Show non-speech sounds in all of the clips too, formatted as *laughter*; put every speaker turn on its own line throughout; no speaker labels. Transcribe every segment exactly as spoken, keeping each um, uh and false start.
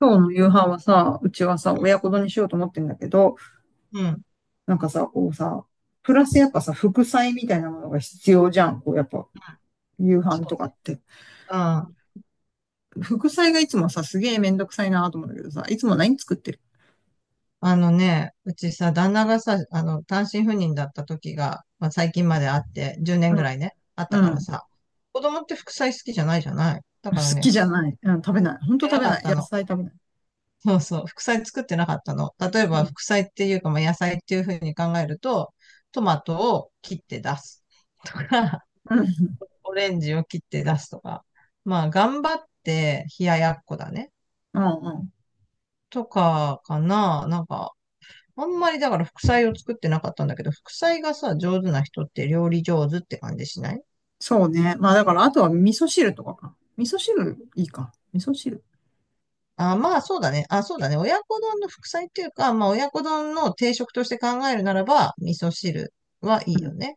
今日の夕飯はさ、うちはさ、親子丼にしようと思ってんだけど、
うん。
なんかさ、こうさ、プラスやっぱさ、副菜みたいなものが必要じゃん。こうやっぱ、夕飯
そう
と
ね。
かって。
あ
副菜がいつもさ、すげえめんどくさいなと思うんだけどさ、いつも何作ってる？
あ、あのね、うちさ、旦那がさ、あの、単身赴任だった時が、まあ、最近まであって、10
う
年ぐ
ん、
らいね、あった
う
から
ん。
さ、子供って副菜好きじゃないじゃない。だ
好
からね、
きじゃ
振
ない。うん、食べない。ほん
っ
と
て
食
な
べ
かっ
ない。
た
野
の。
菜食べない。
そうそう、副菜作ってなかったの。例え
う
ば、
ん、
副菜っていうか、まあ、野菜っていうふうに考えると、トマトを切って出すとか、
うん、
*laughs* オレンジを切って出すとか、まあ、頑張って冷ややっこだね。
うん、うん。
とかかな。なんか、あんまりだから副菜を作ってなかったんだけど、副菜がさ、上手な人って料理上手って感じしない？
そうね。まあだから、あとは味噌汁とかか。味噌汁いいか。味噌汁。
あ、まあそうだね。あ、そうだね。親子丼の副菜っていうか、まあ親子丼の定食として考えるならば、味噌汁はいいよね。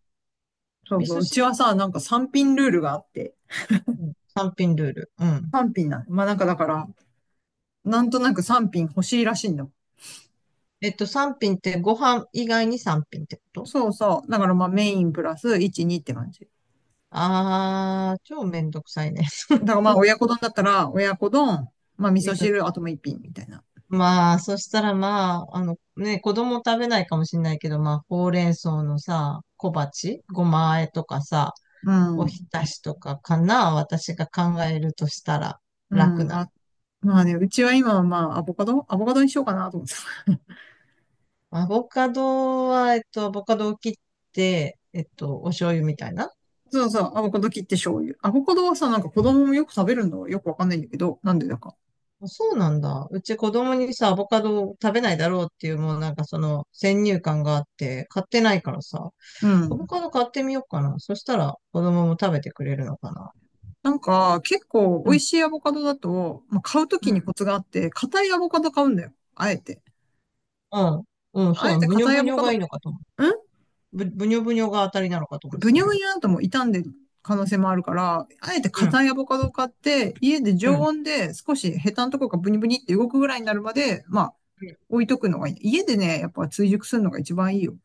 そう
味
そう。
噌
うちは
汁、
さ、なんかさん品ルールがあって、
うん、さん品ルール。うん。
さん品なの。まあなんかだから、なんとなくさん品欲しいらしいんだもん。
えっと、さん品ってご飯以外にさん品ってこと？
そうそう。だからまあメインプラスいち、にって感じ。
あー、超めんどくさいね。
だか
*laughs*
らまあ親子丼だったら、親子丼、まあ味
味
噌
噌
汁、
汁。
あともういっ品みたいな。
まあ、そしたらまあ、あのね、子供食べないかもしれないけど、まあ、ほうれん草のさ、小鉢、ごま和えとかさ、
う
おひ
ん。
たしとかかな、私が考えるとしたら
うん。
楽
ま
な。
あ、まあね、うちは今はまあアボカドアボカドにしようかなと思ってた。
アボカドは、えっと、アボカドを切って、えっと、お醤油みたいな。
*laughs* そうそう。アボカド切って醤油。アボカドはさ、なんか子供もよく食べるのはよくわかんないんだけど、なんでだか。
あ、そうなんだ。うち子供にさ、アボカドを食べないだろうっていう、もうなんかその先入観があって、買ってないからさ、
う
アボ
ん。
カド買ってみようかな。そしたら子供も食べてくれるのかな。
なんか結構
う
美味
ん
しいアボカドだと、まあ、買うときにコツがあって、硬いアボカド買うんだよ。あえて。
うん。うん、そ
あ
うな
え
の。
て
ぶにょ
硬い
ぶ
ア
に
ボ
ょ
カド。
がい
ん
いのかと思った。ぶ、ぶにょぶにょが当たりなのかと思って
ブニ
た
ョ
け
ブニ
ど。
ョなんとも傷んでる可能性もあるから、あえて
うん、
硬いアボカドを買って、家で
う
常
ん。
温で少しヘタのところがブニブニって動くぐらいになるまで、まあ、置いとくのがいい。家でね、やっぱ追熟するのが一番いいよ。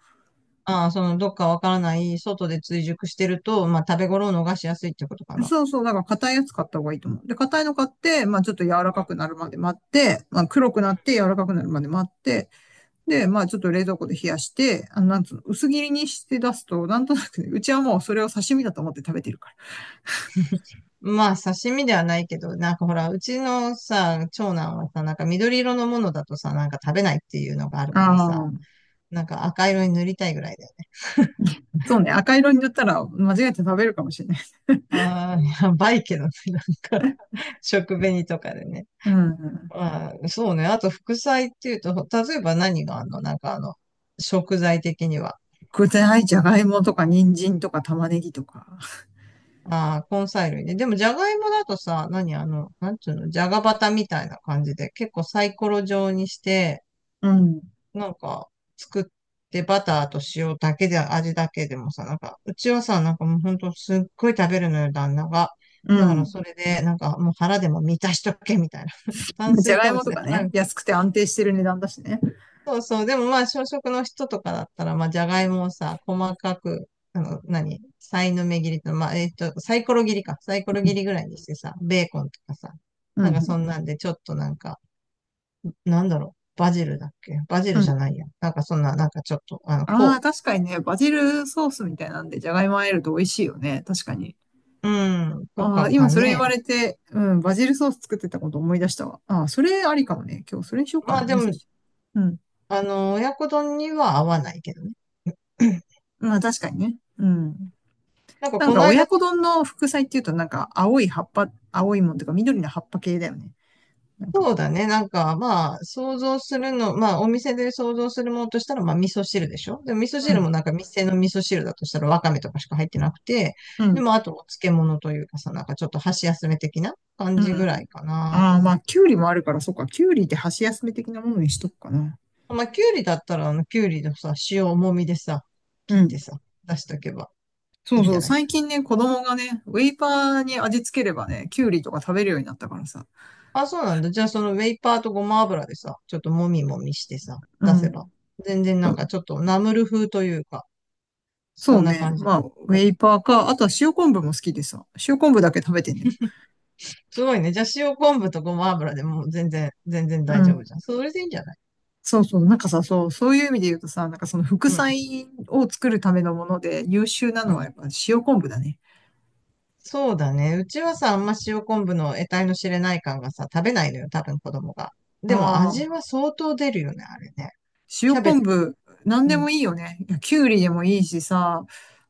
ああ、その、どっかわからない、外で追熟してると、まあ、食べ頃を逃しやすいってことかな。
そうそう、だから硬いやつ買った方がいいと思う。で、硬いの買って、まあちょっと柔らかく
う
なるまで待って、まあ黒くなって柔らかくなるまで待って、で、まあちょっと冷蔵庫で冷やして、あの、なんつうの、薄切りにして出すと、なんとなくね、うちはもうそれを刺身だと思って食べてるか
ん。まあ、刺身ではないけど、なんかほら、うちのさ、長男はさ、なんか緑色のものだとさ、なんか食べないっていうのがある
ら。
からさ、
ああ、
なんか赤色に塗りたいぐらいだよね。
そうね、赤色に塗ったら間違えて食べるかもしれない。
ああ、やばいけどね、なんか、*laughs* 食紅とかでね。
うん。
あー、そうね。あと、副菜っていうと、例えば何があんの？なんかあの、食材的には。
具材、じゃがいもとか、人参とか、玉ねぎとか。
ああ、根菜類ね。でも、じゃがいもだとさ、何あの、なんていうの、じゃがバタみたいな感じで、結構サイコロ状にして、
うん。
なんか、作って、バターと塩だけで、味だけでもさ、なんか、うちはさ、なんかもうほんとすっごい食べるのよ、旦那が。
う
だから、
ん。
それで、なんか、もう腹でも満たしとけ、みたいな。*laughs* 炭
じゃ
水
がい
化
も
物
と
で
か
腹。
ね、安くて安定してる値段だしね。
そうそう。でもまあ、小食の人とかだったら、まあ、じゃがいもをさ、細かく、あの、何さいの目切りと、まあ、えっと、サイコロ切りか。サイコロ
う
切
ん。
りぐらいにしてさ、ベーコンとかさ、
う
なんかそ
ん。
んなんで、ちょっとなんか、なんだろう、バジルだっけ？バジ
う
ル
ん。
じゃないや。なんかそんな、なんかちょっと、あの、
ああ、
こ
確かにね、バジルソースみたいなんで、じゃがいも入えると美味しいよね。確かに。
う、うん、と
ああ、
か
今
か
それ言わ
ね。
れて、うん、バジルソース作ってたこと思い出したわ。ああ、それありかもね。今日それにしようか
まあ
な。
で
味噌
も、
汁。うん。
あの、親子丼には合わないけどね。*clears throat*
まあ確かにね。うん。
なんか
なん
こ
か
の
親
間、
子丼の副菜っていうと、なんか青い葉っぱ、青いもんとか緑の葉っぱ系だよね。なん
そ
か、
うだね。なんか、まあ、想像するの、まあ、お店で想像するものとしたら、まあ、味噌汁でしょ。でも、味噌汁もなんか、店の味噌汁だとしたら、わかめとかしか入ってなくて、
う
で
ん。
も、あと、お漬物というかさ、なんか、ちょっと箸休め的な
う
感
んう
じぐら
ん。
いかな
あ
と
あ、
思
ま
っ
あ、
て。
キュウリもあるから、そっか。キュウリって箸休め的なものにしとくかな。
まあ、きゅうりだったら、あの、きゅうりのさ、塩もみでさ、切
う
っ
ん。
てさ、出しとけば
そ
いい
う
んじ
そ
ゃ
う。
ない？
最近ね、子供がね、ウェイパーに味付ければね、キュウリとか食べるようになったからさ。
あ、そうなんだ。じゃあ、その、ウェイパーとごま油でさ、ちょっともみもみしてさ、
う
出せば。
ん。
全然
そ
なんか、
う
ちょっとナムル風というか、そ
そう
んな
ね。
感じ。
まあ、ウェイパーか。あとは塩昆布も好きでさ。塩昆布だけ食べてんだよ。
すごいね。じゃあ塩昆布とごま油でもう全然、全然
う
大丈夫
ん。
じゃん。それでいいんじゃない？
そうそう。なんかさ、そう、そういう意味で言うとさ、なんかその副
うん。
菜を作るためのもので優秀な
う
のはや
ん。
っぱ塩昆布だね。
そうだね。うちはさ、あんま塩昆布の得体の知れない感がさ、食べないのよ。多分子供が。
あ
でも味
あ。
は相当出るよね、あれね。キ
塩
ャベ
昆
ツ。
布、なん
う
で
ん。
もいいよね。いやきゅうりでもいいしさ、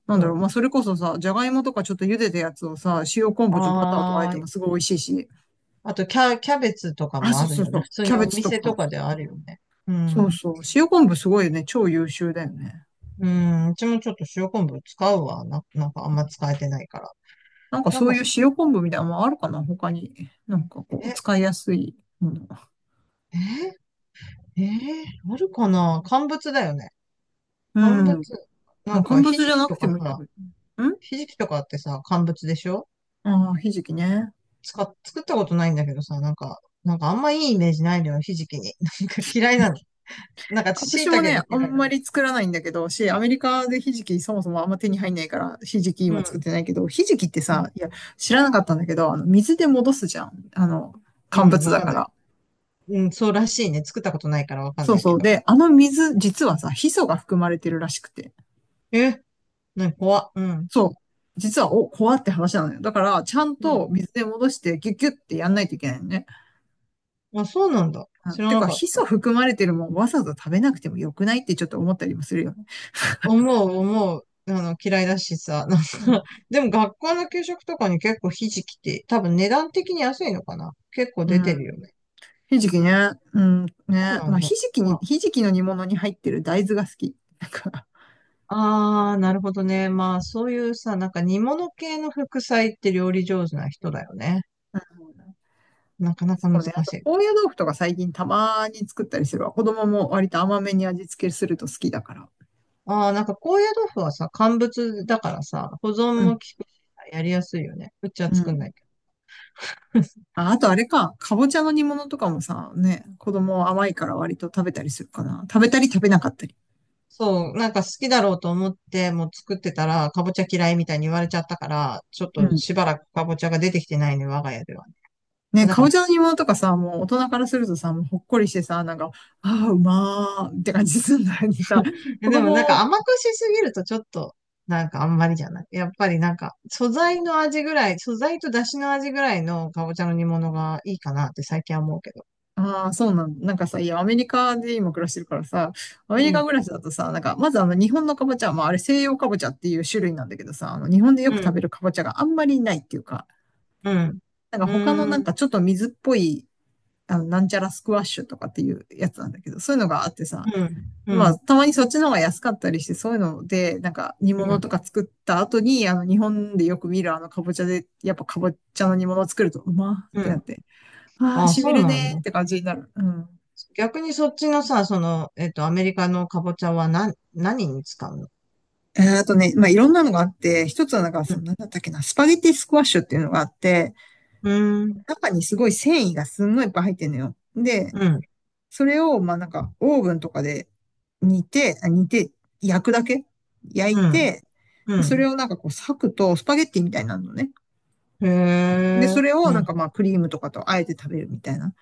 なん
う
だろう、
ん。
まあ、それこそさ、じゃがいもとかちょっと茹でたやつをさ、塩昆布とバターと和え
あ
て
ー、
もすごい美味しいし。
あとキャ、キャベツとか
あ、
も
そ
あ
う
る
そう
よ
そ
ね。
う。
普通
キャ
に
ベ
お
ツと
店と
か。
かであるよね。う
そう
ん。
そう。塩昆布すごいよね。超優秀だよね。
うん。うちもちょっと塩昆布使うわ。な、なんかあんま使えてないから。
なんか
なん
そう
か
いう
さ、
塩昆布みたいなのもあるかな他に。なんかこう、
え、
使いやすいもの。
え、えーあるかな？乾物だよね。
う
乾物、
ん。
な
まあ、
ん
乾
か、
物
ひ
じ
じ
ゃ
き
な
と
くて
か
もいいんだけ
さ、
ど。ん
ひじきとかってさ、乾物でしょ？
ああー、ひじきね。
使っ、作ったことないんだけどさ、なんか、なんかあんまいいイメージないのよ、ひじきに。*laughs* なんか嫌いなの。なんか、椎
私も
茸
ね、
が
あ
嫌い
ん
だ
ま
から。
り作らないんだけど、し、アメリカでひじきそもそもあんま手に入んないから、ひじき
う
今作っ
ん、
てないけど、ひじきって
うん、
さ、いや、知らなかったんだけど、あの、水で戻すじゃん。あの、
う
乾
ん、
物
わ
だ
かん
か
ない。
ら。
うん、そうらしいね。作ったことないからわかん
そう
ないけ
そう。
ど。
で、あの水、実
う
は
ん。
さ、ヒ素が含まれてるらしくて。
え、なんか怖、うん、
そう。実は、お、怖って話なのよ。だから、ちゃん
う
と
ん。
水で戻して、ギュッギュッってやんないといけないのね。
あ、そうなんだ。
う
知
ん
ら
て
な
か、
かっ
ヒ素
た。
含まれてるもん、わざわざ食べなくてもよくないってちょっと思ったりもするよね。
思う、思う。あの、嫌いだしさ、*laughs* なんか
うん。
*laughs* でも学校の給食とかに結構ひじきって、多分値段的に安いのかな？結構
う
出て
ん。
るよね。
ひじきね。うん、
そう
ね。
な
まあ、
んだ。
ひじきに、
ま
ひじきの煮物に入ってる大豆が好き。なんか、
あ、あー、なるほどね。まあ、そういうさ、なんか煮物系の副菜って料理上手な人だよね。
うん、
なかなか
そう
難し
ね。あと、
い。
高野豆腐とか最近たまに作ったりするわ。子供も割と甘めに味付けすると好きだから。
ああ、なんか高野豆腐はさ、乾物だからさ、保
う
存も効
ん、
くし、やりやすいよね。うちは
う
作んな
ん。
いけど。*laughs*
あ、あとあれか、かぼちゃの煮物とかもさ、ね、子供甘いから割と食べたりするかな。食べたり食べなかったり。
そう、なんか好きだろうと思って、もう作ってたら、かぼちゃ嫌いみたいに言われちゃったから、ちょっ
う
と
ん。
しばらくかぼちゃが出てきてないね、我が家では。
ね、
だ
か
から、
ぼちゃの煮物とかさ、もう大人からするとさ、もうほっこりしてさ、なんか、ああ、うまーって感じするのにさ、子
やでもなんか
供、
甘くしすぎるとちょっと、なんかあんまりじゃない。やっぱりなんか素材の味ぐらい、素材と出汁の味ぐらいのかぼちゃの煮物がいいかなって最近は思うけど。
ああ、そうなんだ。なんかさ、いや、アメリカで今暮らしてるからさ、アメ
う
リカ
ん、
暮らしだとさ、なんか、まずあの、日本のカボチャ、まあ、あれ西洋カボチャっていう種類なんだけどさ、あの、日本でよ
う
く食
ん、
べるカボチャがあんまりないっていうか、
うん、
なんか
う
他の
ん、う
なん
ん、
かちょっと水っぽい、あの、なんちゃらスクワッシュとかっていうやつなんだけど、そういうのがあってさ、
う
まあ、
ん、
たまにそっちの方が安かったりして、そういうので、なんか煮
う
物
ん、
とか作った後に、あの、日本でよく見るあの、カボチャで、やっぱカボチャの煮物を作ると、うまーっ
う
てなっ
ん。
て、ああ、
あ、
染み
そう
る
なん
ねー
だ。
って感じになる。うん。
逆にそっちのさ、その、えっと、アメリカのかぼちゃは何、何に使うの？
えーあとね、まあ、いろんなのがあって、一つはなんか、
う
その、
ん、
なんだったっけな、スパゲティスクワッシュっていうのがあって、
うん、
中にすごい繊維がすんごいいっぱい入ってんのよ。で、
うん、
それを、まあ、なんか、オーブンとかで煮て、あ煮て、焼くだけ焼い
うん。
て、
う
でそれ
ん、
をなんかこう、裂くと、スパゲッティみたいになるのね。
へ
で、そ
え、
れを
う
なん
ん。
かまあ、クリームとかとあえて食べるみたいな。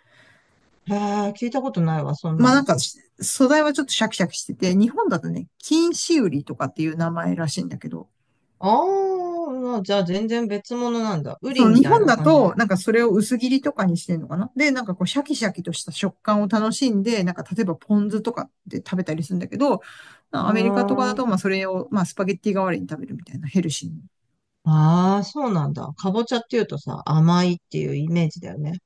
へえ、聞いたことないわ、そん
ま
な
あ、なん
の。
か、素材はちょっとシャキシャキしてて、日本だとね、金糸売りとかっていう名前らしいんだけど、
ああ、まあじゃあ全然別物なんだ。ウ
そ
リ
の
み
日
たい
本
な
だ
感じ
と、
で。
なんかそれを薄切りとかにしてんのかなで、なんかこうシャキシャキとした食感を楽しんで、なんか例えばポン酢とかで食べたりするんだけど、
う
アメリカとかだ
ーん。
と、まあそれを、まあスパゲッティ代わりに食べるみたいなヘルシーに。
ああ、そうなんだ。かぼちゃっていうとさ、甘いっていうイメージだよね。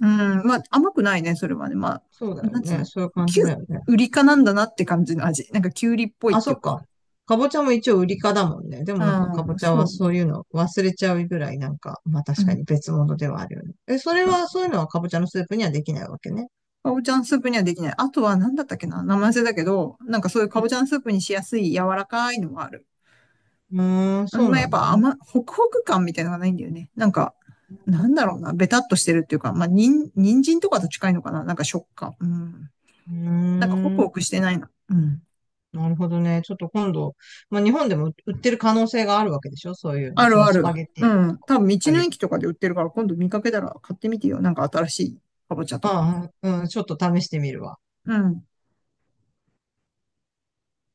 うん、まあ甘くないね、それはね。ま
そうだ
あ、
よ
なんつう
ね。
の、
そういう感
キ
じ
ュ
だよね。
ウリかなんだなって感じの味。なんかキュウリっぽいっ
あ、
て
そ
いう
っ
かさ。
か。かぼちゃも一応ウリかだもんね。でもなんかか
う
ぼ
ん、
ちゃ
そ
は
う。
そういうの忘れちゃうぐらいなんか、まあ
う
確か
ん
に別物ではあるよね。え、それは、そういうのはかぼちゃのスープにはできないわけね。
かぼちゃのスープにはできない。あとは何だったっけな名前忘れだけど、なんかそういうか
う
ぼちゃ
ん。
のスープにしやすい柔らかいのがある。
うーん、
あ
そ
ん
う
まあ、
な
やっ
んだ。
ぱ
まあ、
甘、ホクホク感みたいなのがないんだよね。なんか、なんだろうな、ベタっとしてるっていうか、まあ、にん、人参とかと近いのかななんか食感。うん。
う
なんかホク
ーん。
ホクしてないな。うん。
なるほどね。ちょっと今度、まあ、日本でも売ってる可能性があるわけでしょ？そういうの。
あ
そ
る
の
あ
ス
る。
パゲッテ
う
ィのと
ん。
か。
多分道
スパゲ
の
ッテ
駅
ィ。
とかで売ってるから、今度見かけたら買ってみてよ。なんか新しいかぼちゃとか。
ああ、うん、ちょっと試してみるわ。
うん。